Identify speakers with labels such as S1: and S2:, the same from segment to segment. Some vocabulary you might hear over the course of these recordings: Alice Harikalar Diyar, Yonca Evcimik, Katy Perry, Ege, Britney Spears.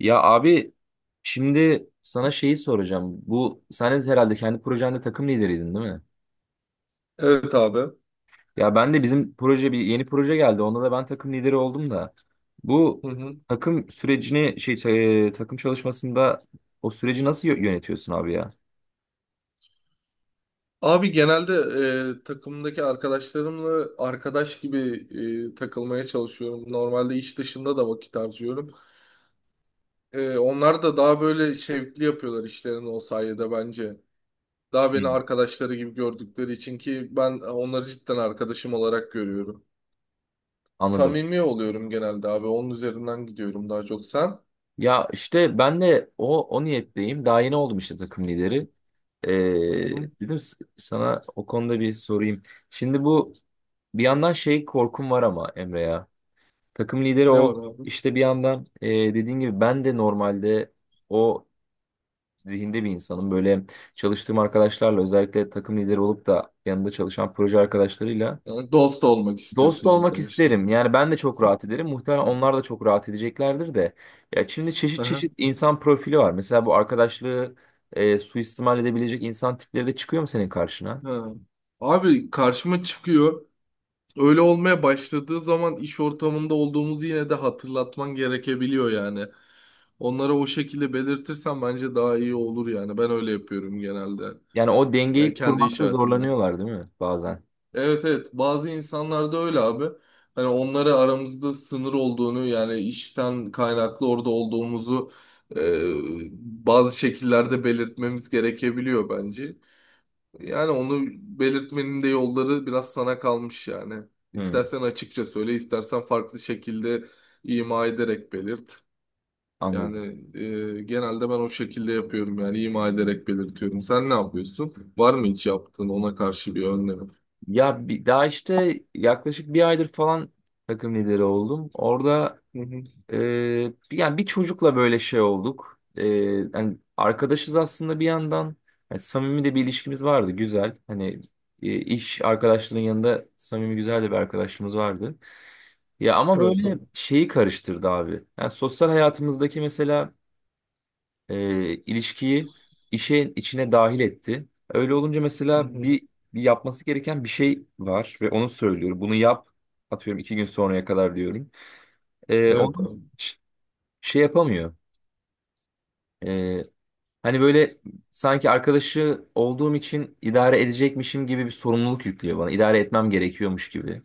S1: Ya abi, şimdi sana şeyi soracağım. Bu sen de herhalde kendi projende takım lideriydin, değil mi?
S2: Evet abi.
S1: Ya ben de, bizim proje bir yeni proje geldi. Onda da ben takım lideri oldum da. Bu
S2: Hı hı.
S1: takım sürecini takım çalışmasında o süreci nasıl yönetiyorsun abi ya?
S2: Abi genelde takımdaki arkadaşlarımla arkadaş gibi takılmaya çalışıyorum. Normalde iş dışında da vakit harcıyorum. Onlar da daha böyle şevkli yapıyorlar işlerini o sayede bence. Daha
S1: Hı.
S2: beni arkadaşları gibi gördükleri için ki ben onları cidden arkadaşım olarak görüyorum.
S1: Anladım.
S2: Samimi oluyorum genelde abi. Onun üzerinden gidiyorum daha çok. Sen?
S1: Ya işte ben de o niyetteyim. Daha yeni oldum işte takım lideri. Ee,
S2: Hı hı.
S1: Dedim sana o konuda bir sorayım. Şimdi bu, bir yandan şey korkum var ama Emre ya. Takım lideri
S2: Ne
S1: oldu.
S2: var abi?
S1: İşte bir yandan, dediğin gibi ben de normalde o zihinde bir insanım. Böyle çalıştığım arkadaşlarla, özellikle takım lideri olup da yanında çalışan proje arkadaşlarıyla
S2: Yani dost olmak
S1: dost
S2: istiyorsun
S1: olmak isterim.
S2: arkadaşlarım.
S1: Yani ben de çok rahat ederim, muhtemelen onlar da çok rahat edeceklerdir de. Ya şimdi çeşit çeşit insan profili var. Mesela bu arkadaşlığı suistimal edebilecek insan tipleri de çıkıyor mu senin karşına?
S2: Ha. Abi karşıma çıkıyor. Öyle olmaya başladığı zaman iş ortamında olduğumuzu yine de hatırlatman gerekebiliyor yani. Onlara o şekilde belirtirsen bence daha iyi olur yani. Ben öyle yapıyorum genelde.
S1: Yani o
S2: Yani
S1: dengeyi
S2: kendi iş
S1: kurmakta
S2: hayatımda.
S1: zorlanıyorlar değil mi bazen?
S2: Evet evet, bazı insanlarda öyle abi. Hani onlara aramızda sınır olduğunu yani işten kaynaklı orada olduğumuzu e, bazı şekillerde belirtmemiz gerekebiliyor bence. Yani onu belirtmenin de yolları biraz sana kalmış yani.
S1: Hmm,
S2: İstersen açıkça söyle, istersen farklı şekilde ima ederek belirt. Yani
S1: anladım.
S2: e, genelde ben o şekilde yapıyorum yani ima ederek belirtiyorum. Sen ne yapıyorsun? Var mı hiç yaptığın ona karşı bir önlem?
S1: Ya daha işte yaklaşık bir aydır falan takım lideri oldum. Orada
S2: Hı hı.
S1: e, yani bir çocukla böyle şey olduk. Yani arkadaşız aslında bir yandan. Yani samimi de bir ilişkimiz vardı güzel. Hani iş arkadaşlığının yanında samimi, güzel de bir arkadaşlığımız vardı. Ya ama
S2: Evet
S1: böyle
S2: abi.
S1: şeyi karıştırdı abi. Yani sosyal hayatımızdaki mesela ilişkiyi işin içine dahil etti. Öyle olunca,
S2: Hı
S1: mesela
S2: hı.
S1: bir yapması gereken bir şey var ve onu söylüyor. Bunu yap, atıyorum iki gün sonraya kadar diyorum. E,
S2: Evet
S1: onu
S2: abi.
S1: ş- şey yapamıyor. E, hani böyle sanki arkadaşı olduğum için idare edecekmişim gibi bir sorumluluk yüklüyor bana, İdare etmem gerekiyormuş gibi.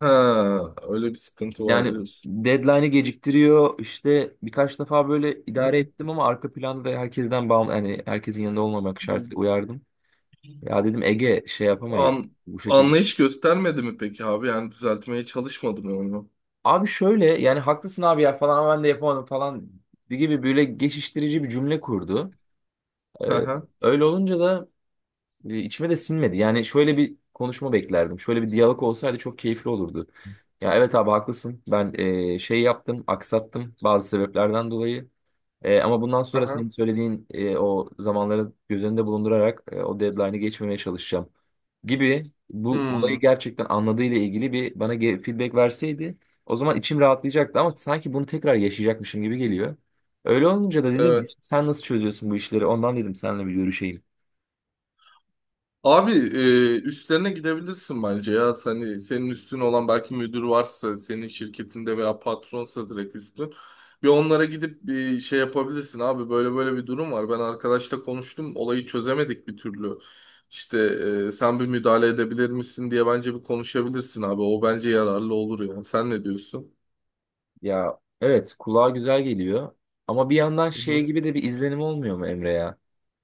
S2: Ha, öyle bir sıkıntı var
S1: Yani
S2: diyorsun.
S1: deadline'ı geciktiriyor. İşte birkaç defa böyle
S2: Hı
S1: idare
S2: hı.
S1: ettim ama arka planda, da herkesten bağım yani herkesin yanında olmamak
S2: Hı.
S1: şartıyla, uyardım. Ya dedim Ege, şey yapamayız
S2: An
S1: bu şekilde.
S2: Anlayış göstermedi mi peki abi? Yani düzeltmeye çalışmadı mı onu?
S1: Abi şöyle, yani haklısın abi ya falan ama ben de yapamadım falan gibi böyle geçiştirici bir cümle kurdu. Ee,
S2: Hı hı.
S1: öyle olunca da içime de sinmedi. Yani şöyle bir konuşma beklerdim, şöyle bir diyalog olsaydı çok keyifli olurdu. Ya evet abi, haklısın. Ben şey yaptım, aksattım bazı sebeplerden dolayı. Ama bundan sonra senin
S2: Aha.
S1: söylediğin, o zamanları göz önünde bulundurarak o deadline'ı geçmemeye çalışacağım gibi, bu
S2: Hmm.
S1: olayı gerçekten anladığıyla ilgili bir bana feedback verseydi, o zaman içim rahatlayacaktı, ama sanki bunu tekrar yaşayacakmışım gibi geliyor. Öyle olunca da dedim,
S2: Evet.
S1: sen nasıl çözüyorsun bu işleri, ondan dedim seninle bir görüşeyim.
S2: Abi üstlerine gidebilirsin bence ya. Hani senin üstün olan belki müdür varsa, senin şirketinde veya patronsa direkt üstün. Bir onlara gidip bir şey yapabilirsin abi. Böyle böyle bir durum var. Ben arkadaşla konuştum. Olayı çözemedik bir türlü. İşte sen bir müdahale edebilir misin diye bence bir konuşabilirsin abi. O bence yararlı olur ya. Sen ne diyorsun?
S1: Ya evet, kulağa güzel geliyor ama bir yandan
S2: Hı
S1: şey
S2: hı.
S1: gibi de bir izlenim olmuyor mu Emre ya?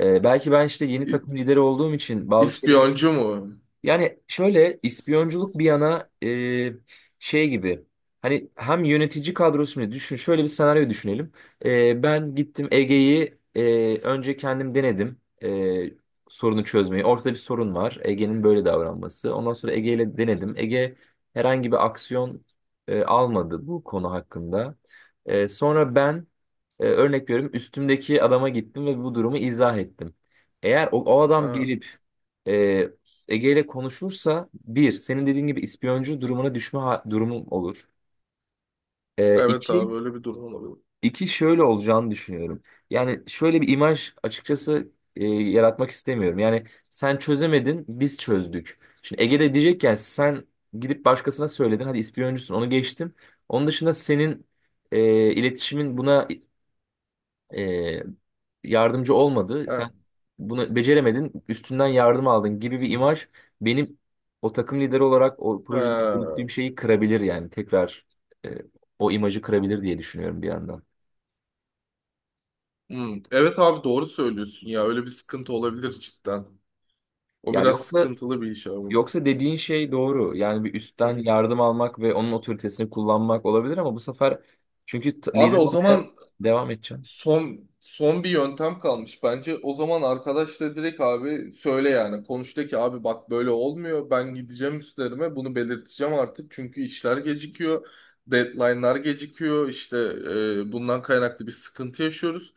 S1: Belki ben işte yeni
S2: İ-
S1: takım lideri olduğum için bazı şeyleri.
S2: İspiyoncu mu?
S1: Yani şöyle, ispiyonculuk bir yana, şey gibi, hani hem yönetici kadrosunu düşün, şöyle bir senaryo düşünelim. Ben gittim Ege'yi, önce kendim denedim sorunu çözmeyi. Ortada bir sorun var, Ege'nin böyle davranması. Ondan sonra Ege ile denedim. Ege herhangi bir aksiyon almadı bu konu hakkında. Sonra ben, örnek veriyorum, üstümdeki adama gittim ve bu durumu izah ettim. Eğer o adam
S2: Ha,
S1: gelip ee, Ege ile konuşursa, bir, senin dediğin gibi ispiyoncu durumuna düşme durumum olur.
S2: evet abi
S1: İki,
S2: öyle bir durum olabilir.
S1: iki şöyle olacağını düşünüyorum. Yani şöyle bir imaj açıkçası yaratmak istemiyorum. Yani sen çözemedin, biz çözdük. Şimdi Ege de diyecek ki, yani sen gidip başkasına söyledin, hadi ispiyoncusun, onu geçtim. Onun dışında senin iletişimin buna e, yardımcı olmadı.
S2: Ha.
S1: Sen bunu beceremedin, üstünden yardım aldın gibi bir imaj, benim o takım lideri olarak o projede
S2: Ha.
S1: yürüttüğüm şeyi kırabilir, yani tekrar e, o imajı kırabilir diye düşünüyorum bir yandan.
S2: Hmm, evet abi doğru söylüyorsun ya. Öyle bir sıkıntı olabilir cidden. O
S1: Ya
S2: biraz
S1: yoksa
S2: sıkıntılı bir iş abi.
S1: yoksa dediğin şey doğru. Yani bir
S2: Hı
S1: üstten
S2: hı.
S1: yardım almak ve onun otoritesini kullanmak olabilir ama bu sefer, çünkü
S2: Abi
S1: lider
S2: o
S1: olmaya
S2: zaman
S1: devam edeceğim.
S2: son bir yöntem kalmış bence. O zaman arkadaşla direkt abi söyle yani. Konuş de ki abi bak böyle olmuyor. Ben gideceğim, üstlerime bunu belirteceğim artık. Çünkü işler gecikiyor. Deadline'lar gecikiyor. İşte bundan kaynaklı bir sıkıntı yaşıyoruz.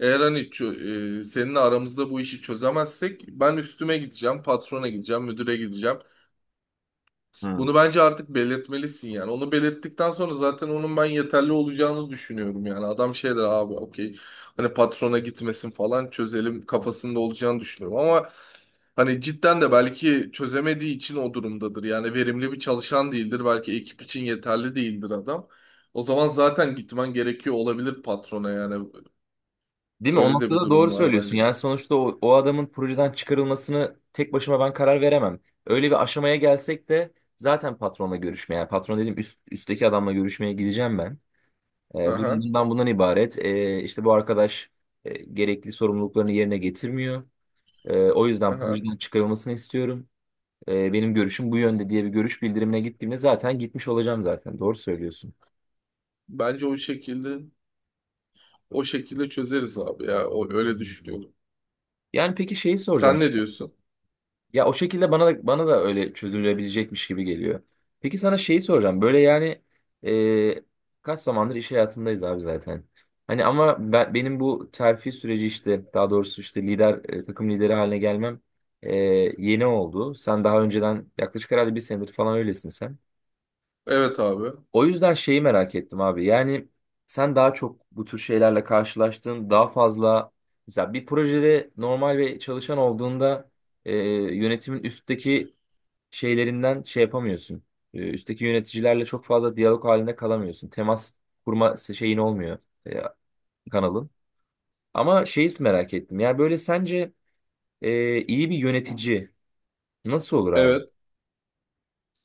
S2: Eğer seninle aramızda bu işi çözemezsek ben üstüme gideceğim, patrona gideceğim, müdüre gideceğim. Bunu bence artık belirtmelisin yani. Onu belirttikten sonra zaten onun ben yeterli olacağını düşünüyorum yani. Adam şey der abi, okey, hani patrona gitmesin falan çözelim kafasında olacağını düşünüyorum. Ama hani cidden de belki çözemediği için o durumdadır. Yani verimli bir çalışan değildir. Belki ekip için yeterli değildir adam. O zaman zaten gitmen gerekiyor olabilir patrona yani.
S1: Değil mi? O
S2: Öyle de bir
S1: noktada doğru
S2: durum var
S1: söylüyorsun.
S2: bence.
S1: Yani sonuçta o adamın projeden çıkarılmasını tek başıma ben karar veremem. Öyle bir aşamaya gelsek de, zaten patronla görüşmeye, yani patron dedim, üstteki adamla görüşmeye gideceğim ben. Durum
S2: Aha,
S1: bundan ibaret. E, işte bu arkadaş gerekli sorumluluklarını yerine getirmiyor. O yüzden
S2: aha.
S1: projeden çıkarılmasını istiyorum. Benim görüşüm bu yönde diye bir görüş bildirimine gittiğimde zaten gitmiş olacağım zaten. Doğru söylüyorsun.
S2: Bence o şekilde. O şekilde çözeriz abi ya. O öyle düşünüyorum.
S1: Yani peki, şeyi soracağım.
S2: Sen ne diyorsun?
S1: Ya o şekilde bana da öyle çözülebilecekmiş gibi geliyor. Peki sana şeyi soracağım. Böyle yani, e, kaç zamandır iş hayatındayız abi zaten. Hani ama benim bu terfi süreci işte, daha doğrusu işte lider, takım lideri haline gelmem e, yeni oldu. Sen daha önceden yaklaşık herhalde bir senedir falan öylesin sen.
S2: Evet abi.
S1: O yüzden şeyi merak ettim abi. Yani sen daha çok bu tür şeylerle karşılaştın, daha fazla. Mesela bir projede normal ve çalışan olduğunda, e, yönetimin üstteki şeylerinden şey yapamıyorsun. Üstteki yöneticilerle çok fazla diyalog halinde kalamıyorsun, temas kurma şeyin olmuyor, e, kanalın. Ama şeyi merak ettim, yani böyle sence iyi bir yönetici nasıl olur abi?
S2: Evet.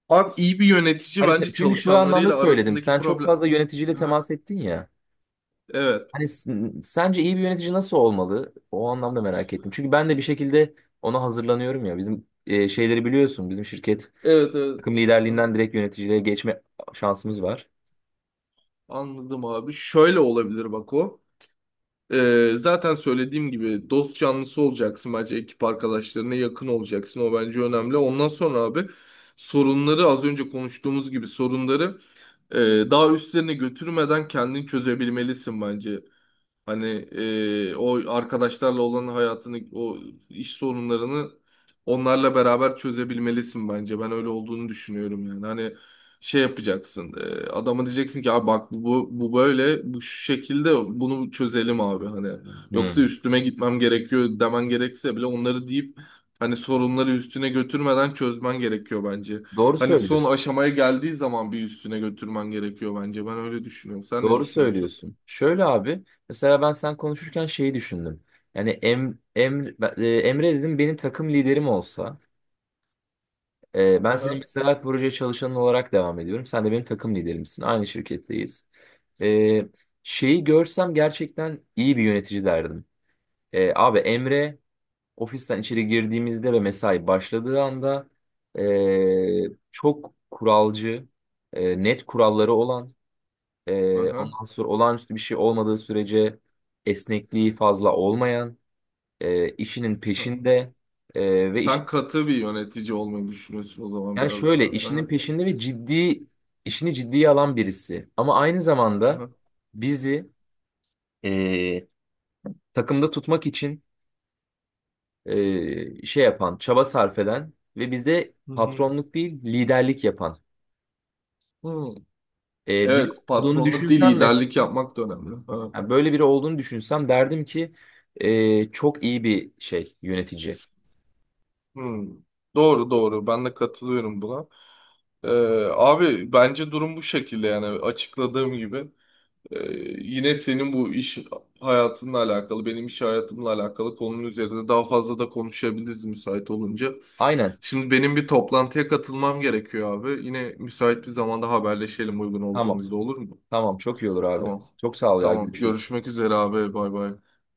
S2: Abi iyi bir yönetici
S1: Hani
S2: bence
S1: çünkü şu anlamda
S2: çalışanlarıyla
S1: söyledim,
S2: arasındaki
S1: sen çok
S2: problem.
S1: fazla yöneticiyle
S2: Aha.
S1: temas ettin ya.
S2: Evet.
S1: Hani sence iyi bir yönetici nasıl olmalı? O anlamda merak ettim. Çünkü ben de bir şekilde ona hazırlanıyorum ya. Bizim şeyleri biliyorsun, bizim şirket
S2: Evet evet.
S1: takım
S2: Aha.
S1: liderliğinden direkt yöneticiliğe geçme şansımız var.
S2: Anladım abi. Şöyle olabilir bak o. Zaten söylediğim gibi dost canlısı olacaksın bence, ekip arkadaşlarına yakın olacaksın. O bence önemli. Ondan sonra abi sorunları az önce konuştuğumuz gibi sorunları e, daha üstlerine götürmeden kendin çözebilmelisin bence. Hani o arkadaşlarla olan hayatını, o iş sorunlarını onlarla beraber çözebilmelisin bence. Ben öyle olduğunu düşünüyorum yani. Hani şey yapacaksın. E, adama diyeceksin ki abi bak bu böyle bu şu şekilde bunu çözelim abi hani. Yoksa
S1: Hmm.
S2: üstüme gitmem gerekiyor demen gerekse bile onları deyip hani sorunları üstüne götürmeden çözmen gerekiyor bence.
S1: Doğru
S2: Hani son
S1: söylüyorsun.
S2: aşamaya geldiği zaman bir üstüne götürmen gerekiyor bence. Ben öyle düşünüyorum. Sen ne
S1: Doğru
S2: düşünüyorsun?
S1: söylüyorsun. Şöyle abi, mesela ben sen konuşurken şeyi düşündüm. Yani Emre dedim benim takım liderim olsa, ben senin
S2: Aha.
S1: mesela proje çalışanın olarak devam ediyorum. Sen de benim takım liderimsin, aynı şirketteyiz. E, şeyi görsem gerçekten iyi bir yönetici derdim. Abi Emre, ofisten içeri girdiğimizde ve mesai başladığı anda çok kuralcı, net kuralları olan,
S2: Aha.
S1: ondan sonra olağanüstü bir şey olmadığı sürece esnekliği fazla olmayan, işinin
S2: Ha.
S1: peşinde, e, ve iş,
S2: Sen katı bir yönetici olmayı düşünüyorsun o zaman
S1: yani
S2: biraz daha.
S1: şöyle işinin
S2: Aha,
S1: peşinde ve ciddi, işini ciddiye alan birisi. Ama aynı zamanda
S2: aha.
S1: bizi e, takımda tutmak için şey yapan, çaba sarf eden ve bizde
S2: Hı hı.
S1: patronluk değil liderlik yapan
S2: Hmm.
S1: biri
S2: Evet,
S1: olduğunu
S2: patronluk değil,
S1: düşünsem
S2: liderlik
S1: mesela,
S2: yapmak da önemli. Ha.
S1: yani böyle biri olduğunu düşünsem, derdim ki çok iyi bir şey yönetici.
S2: Hmm. Doğru doğru, ben de katılıyorum buna. Ee, Abi bence durum bu şekilde yani, açıkladığım gibi. Ee, Yine senin bu iş hayatınla alakalı, benim iş hayatımla alakalı konunun üzerinde daha fazla da konuşabiliriz müsait olunca.
S1: Aynen.
S2: Şimdi benim bir toplantıya katılmam gerekiyor abi. Yine müsait bir zamanda haberleşelim uygun
S1: Tamam.
S2: olduğumuzda, olur mu?
S1: Tamam, çok iyi olur abi.
S2: Tamam.
S1: Çok sağ ol ya,
S2: Tamam.
S1: görüşürüz.
S2: Görüşmek üzere abi. Bay bay.